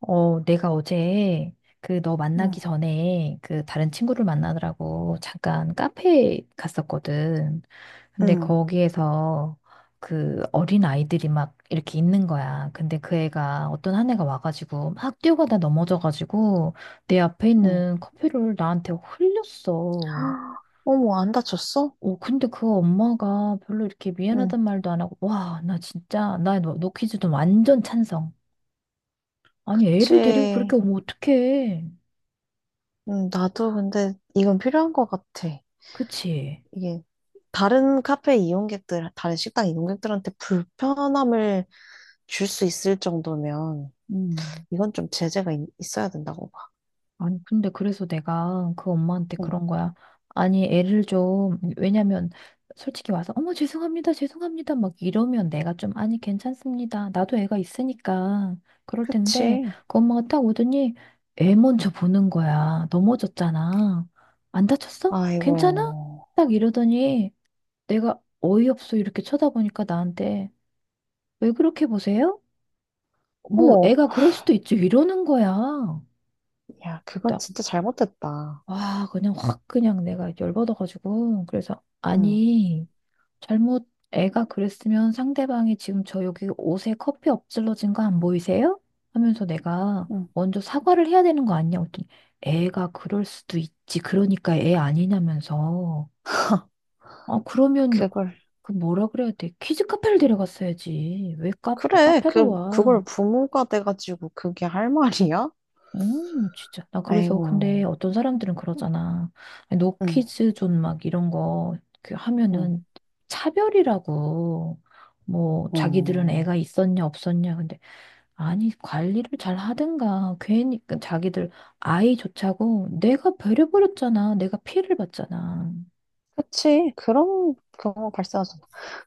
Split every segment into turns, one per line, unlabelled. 내가 어제 그 너
응,
만나기 전에 그 다른 친구를 만나느라고 잠깐 카페에 갔었거든. 근데
응,
거기에서 그 어린 아이들이 막 이렇게 있는 거야. 근데 그 애가 어떤 한 애가 와가지고 막 뛰어가다 넘어져가지고 내 앞에
응,
있는 커피를 나한테 흘렸어.
어머, 안 다쳤어?
근데 그 엄마가 별로 이렇게 미안하단
응.
말도 안 하고, 와, 나 진짜, 나너 너너 퀴즈 좀 완전 찬성. 아니, 애를 데리고 그렇게
그치.
오면 어떡해.
응, 나도 근데 이건 필요한 것 같아.
그치.
이게 다른 카페 이용객들, 다른 식당 이용객들한테 불편함을 줄 수 있을 정도면
음.
이건 좀 제재가 있어야 된다고 봐.
아니, 근데 그래서 내가 그 엄마한테
응.
그런 거야. 아니, 애를 좀, 왜냐면, 솔직히 와서, 어머, 죄송합니다, 죄송합니다, 막 이러면 내가 좀, 아니, 괜찮습니다. 나도 애가 있으니까. 그럴 텐데,
그치.
그 엄마가 딱 오더니, 애 먼저 보는 거야. 넘어졌잖아. 안 다쳤어? 괜찮아?
아이고.
딱 이러더니, 내가 어이없어, 이렇게 쳐다보니까 나한테, 왜 그렇게 보세요? 뭐,
어머.
애가 그럴 수도 있지, 이러는 거야.
야, 그건 진짜 잘못됐다.
와, 그냥 확 그냥 내가 열받아가지고. 그래서,
응,
아니, 잘못 애가 그랬으면 상대방이 지금 저 여기 옷에 커피 엎질러진 거 안 보이세요? 하면서 내가
응.
먼저 사과를 해야 되는 거 아니냐? 고랬더니 애가 그럴 수도 있지. 그러니까 애 아니냐면서. 아, 그러면
그걸.
그 뭐라 그래야 돼? 키즈 카페를 데려갔어야지. 왜
그래,
카페를
그걸
와?
부모가 돼가지고 그게 할 말이야?
진짜. 나 그래서 근데
아이고,
어떤 사람들은 그러잖아. 아니,
응,
노키즈 존 막 이런 거그
응,
하면은 차별이라고 뭐 자기들은
응.
애가 있었냐 없었냐 근데 아니 관리를 잘 하든가 괜히 그 자기들 아이조차고 내가 배려버렸잖아. 내가 피해를 봤잖아.
그치. 그런 경우 발생하죠.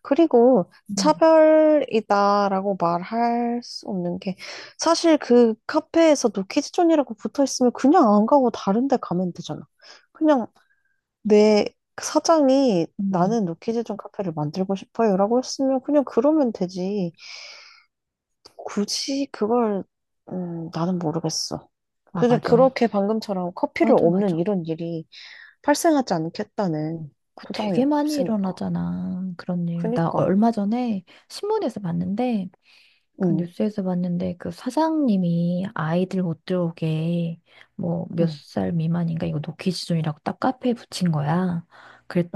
그리고
음,
차별이다라고 말할 수 없는 게 사실 그 카페에서도 키즈존이라고 붙어 있으면 그냥 안 가고 다른 데 가면 되잖아. 그냥 내 사장이
음.
나는 노키즈존 카페를 만들고 싶어요라고 했으면 그냥 그러면 되지. 굳이 그걸, 나는 모르겠어.
아,
근데
맞아.
그렇게 방금처럼 커피를
맞아,
없는
맞아.
이런 일이 발생하지 않겠다는
그
보장이
되게 많이
없으니까.
일어나잖아. 그런 일. 나
그니까.
얼마 전에 신문에서 봤는데 그
응,
뉴스에서 봤는데 그 사장님이 아이들 못 들어오게 뭐 몇
응,
살 미만인가 이거 노키 지존이라고 딱 카페에 붙인 거야.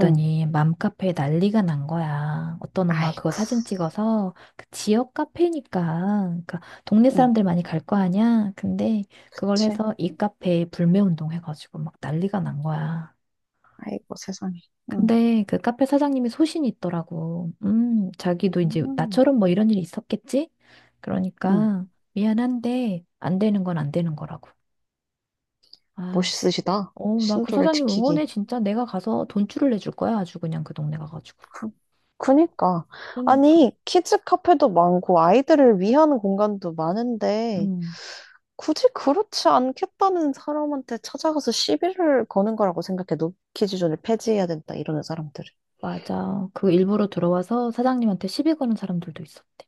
응.
맘카페에 난리가 난 거야. 어떤 엄마 그거
아이고.
사진 찍어서 그 지역 카페니까 그러니까 동네
응,
사람들 많이 갈 거 아니야. 근데 그걸
그치?
해서 이 카페에 불매운동 해가지고 막 난리가 난 거야.
아이고, 세상에. 응,
근데 그 카페 사장님이 소신이 있더라고. 자기도 이제
음,
나처럼 뭐 이런 일이 있었겠지?
응.
그러니까 미안한데 안 되는 건 안 되는 거라고. 아,
멋있으시다.
어, 나 그
신조를
사장님
지키기.
응원해. 진짜 내가 가서 돈줄을 내줄 거야. 아주 그냥 그 동네 가가지고.
그, 그니까.
그러니까.
아니, 키즈 카페도 많고, 아이들을 위한 공간도 많은데,
음,
굳이 그렇지 않겠다는 사람한테 찾아가서 시비를 거는 거라고 생각해. 노키 지존을 폐지해야 된다, 이러는 사람들은.
맞아. 그 일부러 들어와서 사장님한테 시비 거는 사람들도 있었대.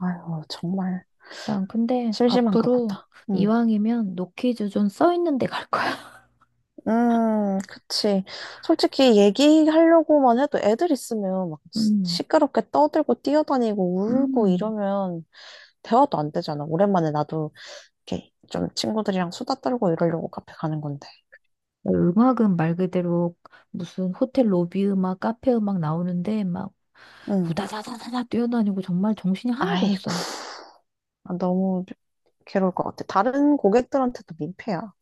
아유, 정말
난 근데
심심한가
앞으로
보다.
이왕이면 노키즈 존 써 있는 데 갈 거야.
그치. 솔직히 얘기하려고만 해도 애들 있으면 막
음,
시끄럽게 떠들고 뛰어다니고 울고
음.
이러면 대화도 안 되잖아. 오랜만에 나도 이렇게 좀 친구들이랑 수다 떨고 이러려고 카페 가는 건데.
음악은 말 그대로 무슨 호텔 로비 음악, 카페 음악 나오는데 막
음,
우다다다다다 뛰어다니고 정말 정신이 하나도
아이고,
없어.
아, 너무 괴로울 것 같아. 다른 고객들한테도 민폐야.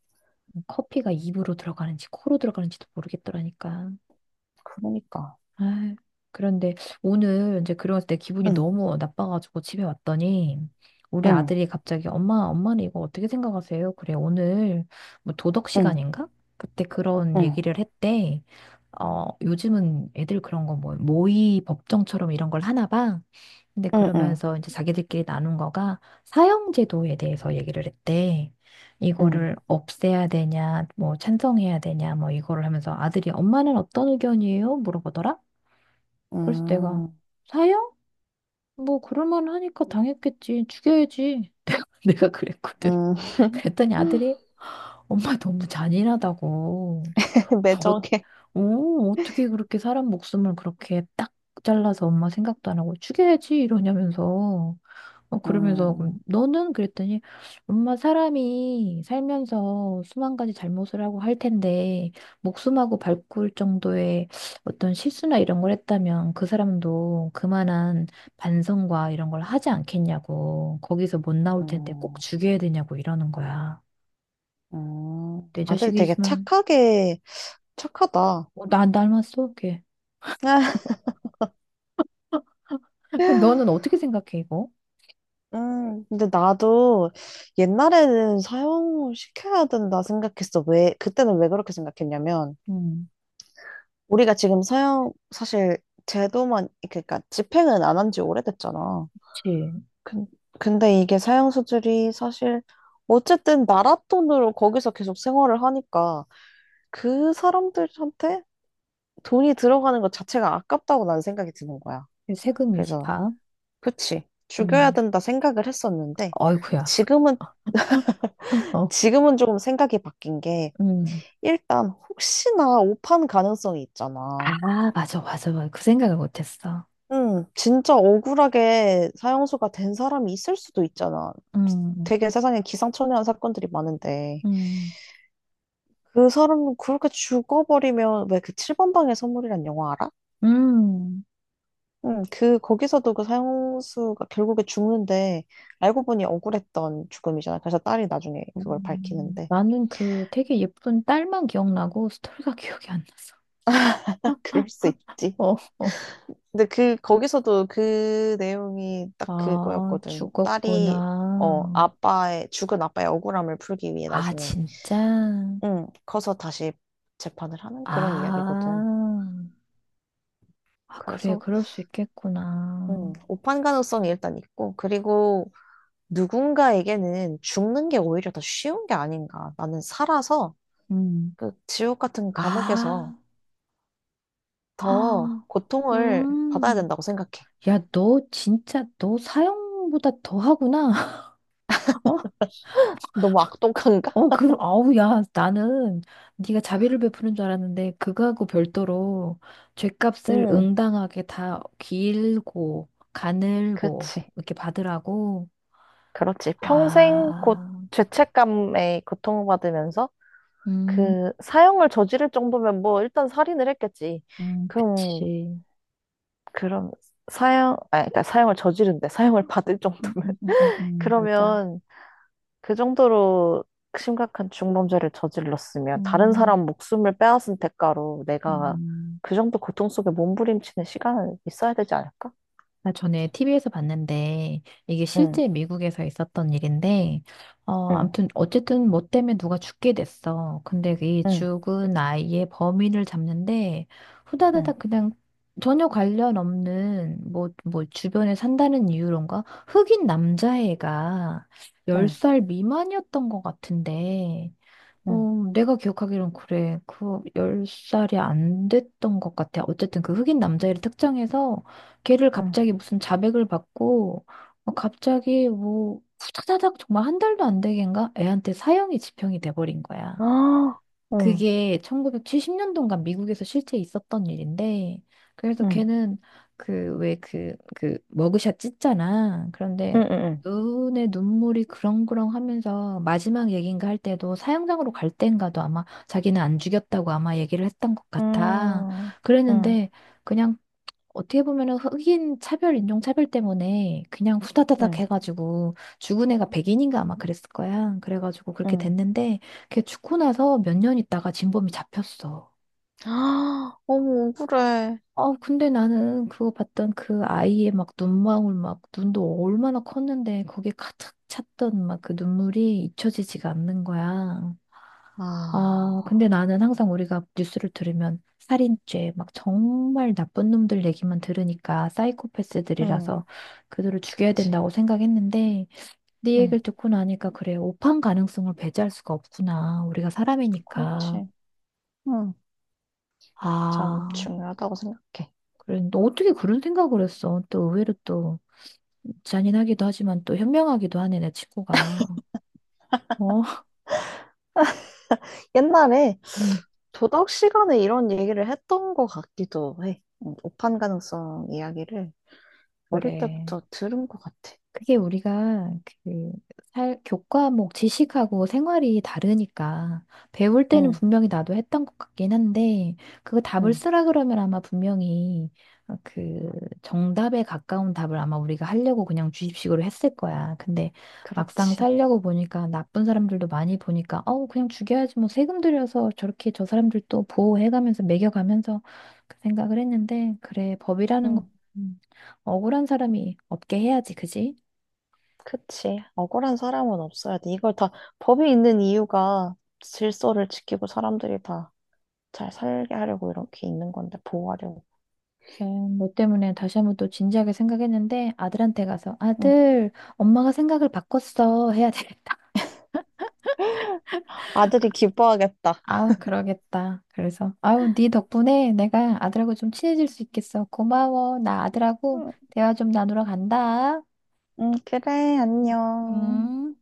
뭐 커피가 입으로 들어가는지 코로 들어가는지도 모르겠더라니까.
그러니까.
아유, 그런데 오늘 이제 그러고 내 기분이
응,
너무 나빠가지고 집에 왔더니 우리
응,
아들이 갑자기 엄마, 엄마는 이거 어떻게 생각하세요? 그래, 오늘 뭐 도덕
응,
시간인가? 그때 그런
응,
얘기를 했대. 어, 요즘은 애들 그런 거 뭐 모의 법정처럼 이런 걸 하나 봐. 근데
응, 응,
그러면서 이제 자기들끼리 나눈 거가 사형제도에 대해서 얘기를 했대.
응,
이거를 없애야 되냐, 뭐 찬성해야 되냐, 뭐 이거를 하면서 아들이 엄마는 어떤 의견이에요? 물어보더라. 그래서 내가
음,
사형? 뭐 그럴만 하니까 당했겠지. 죽여야지. 내가 그랬거든.
음,
그랬더니 아들이 엄마 너무 잔인하다고. 아, 어,
매정해.
오, 어떻게 그렇게 사람 목숨을 그렇게 딱 잘라서 엄마 생각도 안 하고 죽여야지 이러냐면서 그러면서 그럼
음,
너는 그랬더니 엄마 사람이 살면서 수만 가지 잘못을 하고 할 텐데 목숨하고 발꿀 정도의 어떤 실수나 이런 걸 했다면 그 사람도 그만한 반성과 이런 걸 하지 않겠냐고 거기서 못 나올 텐데 꼭
음,
죽여야 되냐고 이러는 거야. 내
아들 되게
자식이지만
착하게, 착하다.
어, 나 닮았어 걔. 그럼 너는 어떻게 생각해, 이거?
근데 나도 옛날에는 사형시켜야 된다 생각했어. 왜, 그때는 왜 그렇게 생각했냐면,
음,
우리가 지금 사형, 사실 제도만, 그러니까 집행은 안 한 지 오래됐잖아.
그치.
근- 근데 이게 사양수들이 사실 어쨌든 나라 돈으로 거기서 계속 생활을 하니까 그 사람들한테 돈이 들어가는 것 자체가 아깝다고 난 생각이 드는 거야.
세금이지,
그래서
다.
그치, 죽여야
음,
된다 생각을 했었는데
어이구야.
지금은
어.
지금은 조금 생각이 바뀐 게
음,
일단 혹시나 오판 가능성이 있잖아.
아, 맞아, 맞아, 맞아. 그 생각을 못했어.
진짜 억울하게 사형수가 된 사람이 있을 수도 있잖아.
음,
되게 세상에 기상천외한 사건들이 많은데.
음,
그 사람 그렇게 죽어버리면, 왜, 그 7번 방의 선물이란 영화 알아?
음.
응, 그 거기서도 그 사형수가 결국에 죽는데 알고 보니 억울했던 죽음이잖아. 그래서 딸이 나중에 그걸 밝히는데
나는 그 되게 예쁜 딸만 기억나고 스토리가 기억이 안 나서.
그럴 수 있지.
어, 어.
근데 그 거기서도 그 내용이 딱
아,
그거였거든. 딸이 어,
죽었구나.
아빠의 죽은 아빠의 억울함을 풀기 위해
아,
나중에
진짜?
응, 커서 다시 재판을 하는 그런
아,
이야기거든.
아, 그래,
그래서
그럴 수 있겠구나.
오판 가능성이 일단 있고, 그리고 누군가에게는 죽는 게 오히려 더 쉬운 게 아닌가. 나는 살아서
음.
그 지옥 같은 감옥에서
아.
더
아,
고통을 받아야
음.
된다고 생각해.
야, 너 진짜 너 사형보다 더 하구나. 어,
너무 악독한가?
어, 그럼 아우 야, 나는 네가 자비를 베푸는 줄 알았는데 그거하고 별도로 죗값을
응,
응당하게 다 길고 가늘고
그렇지.
이렇게 받으라고.
그렇지. 평생 곧
아,
죄책감에 고통받으면서
음,
그 사형을 저지를 정도면 뭐 일단 살인을 했겠지. 그럼
그치.
그럼 사형, 아니 그러니까 사형을 저지른데 사형을 받을 정도면
맞아.
그러면 그 정도로 심각한 중범죄를 저질렀으면 다른
음,
사람 목숨을 빼앗은 대가로 내가
음.
그 정도 고통 속에 몸부림치는 시간은 있어야 되지 않을까?
나 전에 TV에서 봤는데 이게
응,
실제 미국에서 있었던 일인데 어
응,
아무튼 어쨌든 뭐 때문에 누가 죽게 됐어. 근데 이
응,
죽은 아이의 범인을 잡는데
응,
후다다닥 그냥 전혀 관련 없는 뭐 주변에 산다는 이유론가 흑인 남자애가
응,
10살 미만이었던 것 같은데
응,
어, 내가 기억하기론 그래. 그 10살이 안 됐던 것 같아. 어쨌든 그 흑인 남자애를 특정해서 걔를
응.
갑자기 무슨 자백을 받고 어, 갑자기 뭐 후다다닥 정말 한 달도 안 되겠는가? 애한테 사형이 집행이 돼버린 거야.
아, 응,
그게 1970년도인가 미국에서 실제 있었던 일인데, 그래서
응,
걔는 머그샷 찢잖아. 그런데
응, 응,
눈에 눈물이 그렁그렁 하면서 마지막 얘기인가 할 때도 사형장으로 갈 때인가도 아마 자기는 안 죽였다고 아마 얘기를 했던 것 같아.
응, 응,
그랬는데, 그냥 어떻게 보면은 흑인 차별, 인종 차별 때문에 그냥
응,
후다다닥
응.
해가지고 죽은 애가 백인인가 아마 그랬을 거야. 그래가지고 그렇게
응.
됐는데 걔 죽고 나서 몇 년 있다가 진범이 잡혔어.
아, 어머, 억울해.
어, 근데 나는 그거 봤던 그 아이의 막 눈망울 막 눈도 얼마나 컸는데 거기에 가득 찼던 막 그 눈물이 잊혀지지가 않는 거야. 아, 근데
아,
나는 항상 우리가 뉴스를 들으면 살인죄, 막 정말 나쁜 놈들 얘기만 들으니까
응,
사이코패스들이라서 그들을 죽여야
그치.
된다고 생각했는데 네
응,
얘기를 듣고 나니까 그래, 오판 가능성을 배제할 수가 없구나. 우리가 사람이니까.
그렇지. 응, 참
아,
중요하다고 생각해.
그래. 너 어떻게 그런 생각을 했어? 또 의외로 또 잔인하기도 하지만 또 현명하기도 하네, 내 친구가. 어,
옛날에
음.
도덕 시간에 이런 얘기를 했던 것 같기도 해. 오판 가능성 이야기를 어릴
그래.
때부터 들은 것 같아.
그게 우리가 그 살, 교과목 지식하고 생활이 다르니까 배울 때는
응,
분명히 나도 했던 것 같긴 한데 그거 답을
응,
쓰라 그러면 아마 분명히 그 정답에 가까운 답을 아마 우리가 하려고 그냥 주입식으로 했을 거야. 근데 막상
그렇지.
살려고 보니까 나쁜 사람들도 많이 보니까 어 그냥 죽여야지 뭐 세금 들여서 저렇게 저 사람들 또 보호해가면서 매겨가면서 그 생각을 했는데 그래 법이라는 거
응,
억울한 사람이 없게 해야지 그지?
그치. 억울한 사람은 없어야 돼. 이걸 다, 법이 있는 이유가 질서를 지키고 사람들이 다 잘 살게 하려고 이렇게 있는 건데, 보호하려고.
네, 너 때문에 다시 한번 또 진지하게 생각했는데 아들한테 가서
응.
아들, 엄마가 생각을 바꿨어 해야 되겠다.
아들이 기뻐하겠다.
아 그러겠다. 그래서 아우, 네 덕분에 내가 아들하고 좀 친해질 수 있겠어. 고마워. 나 아들하고
응,
대화 좀 나누러 간다.
응, 그래, 안녕.
음.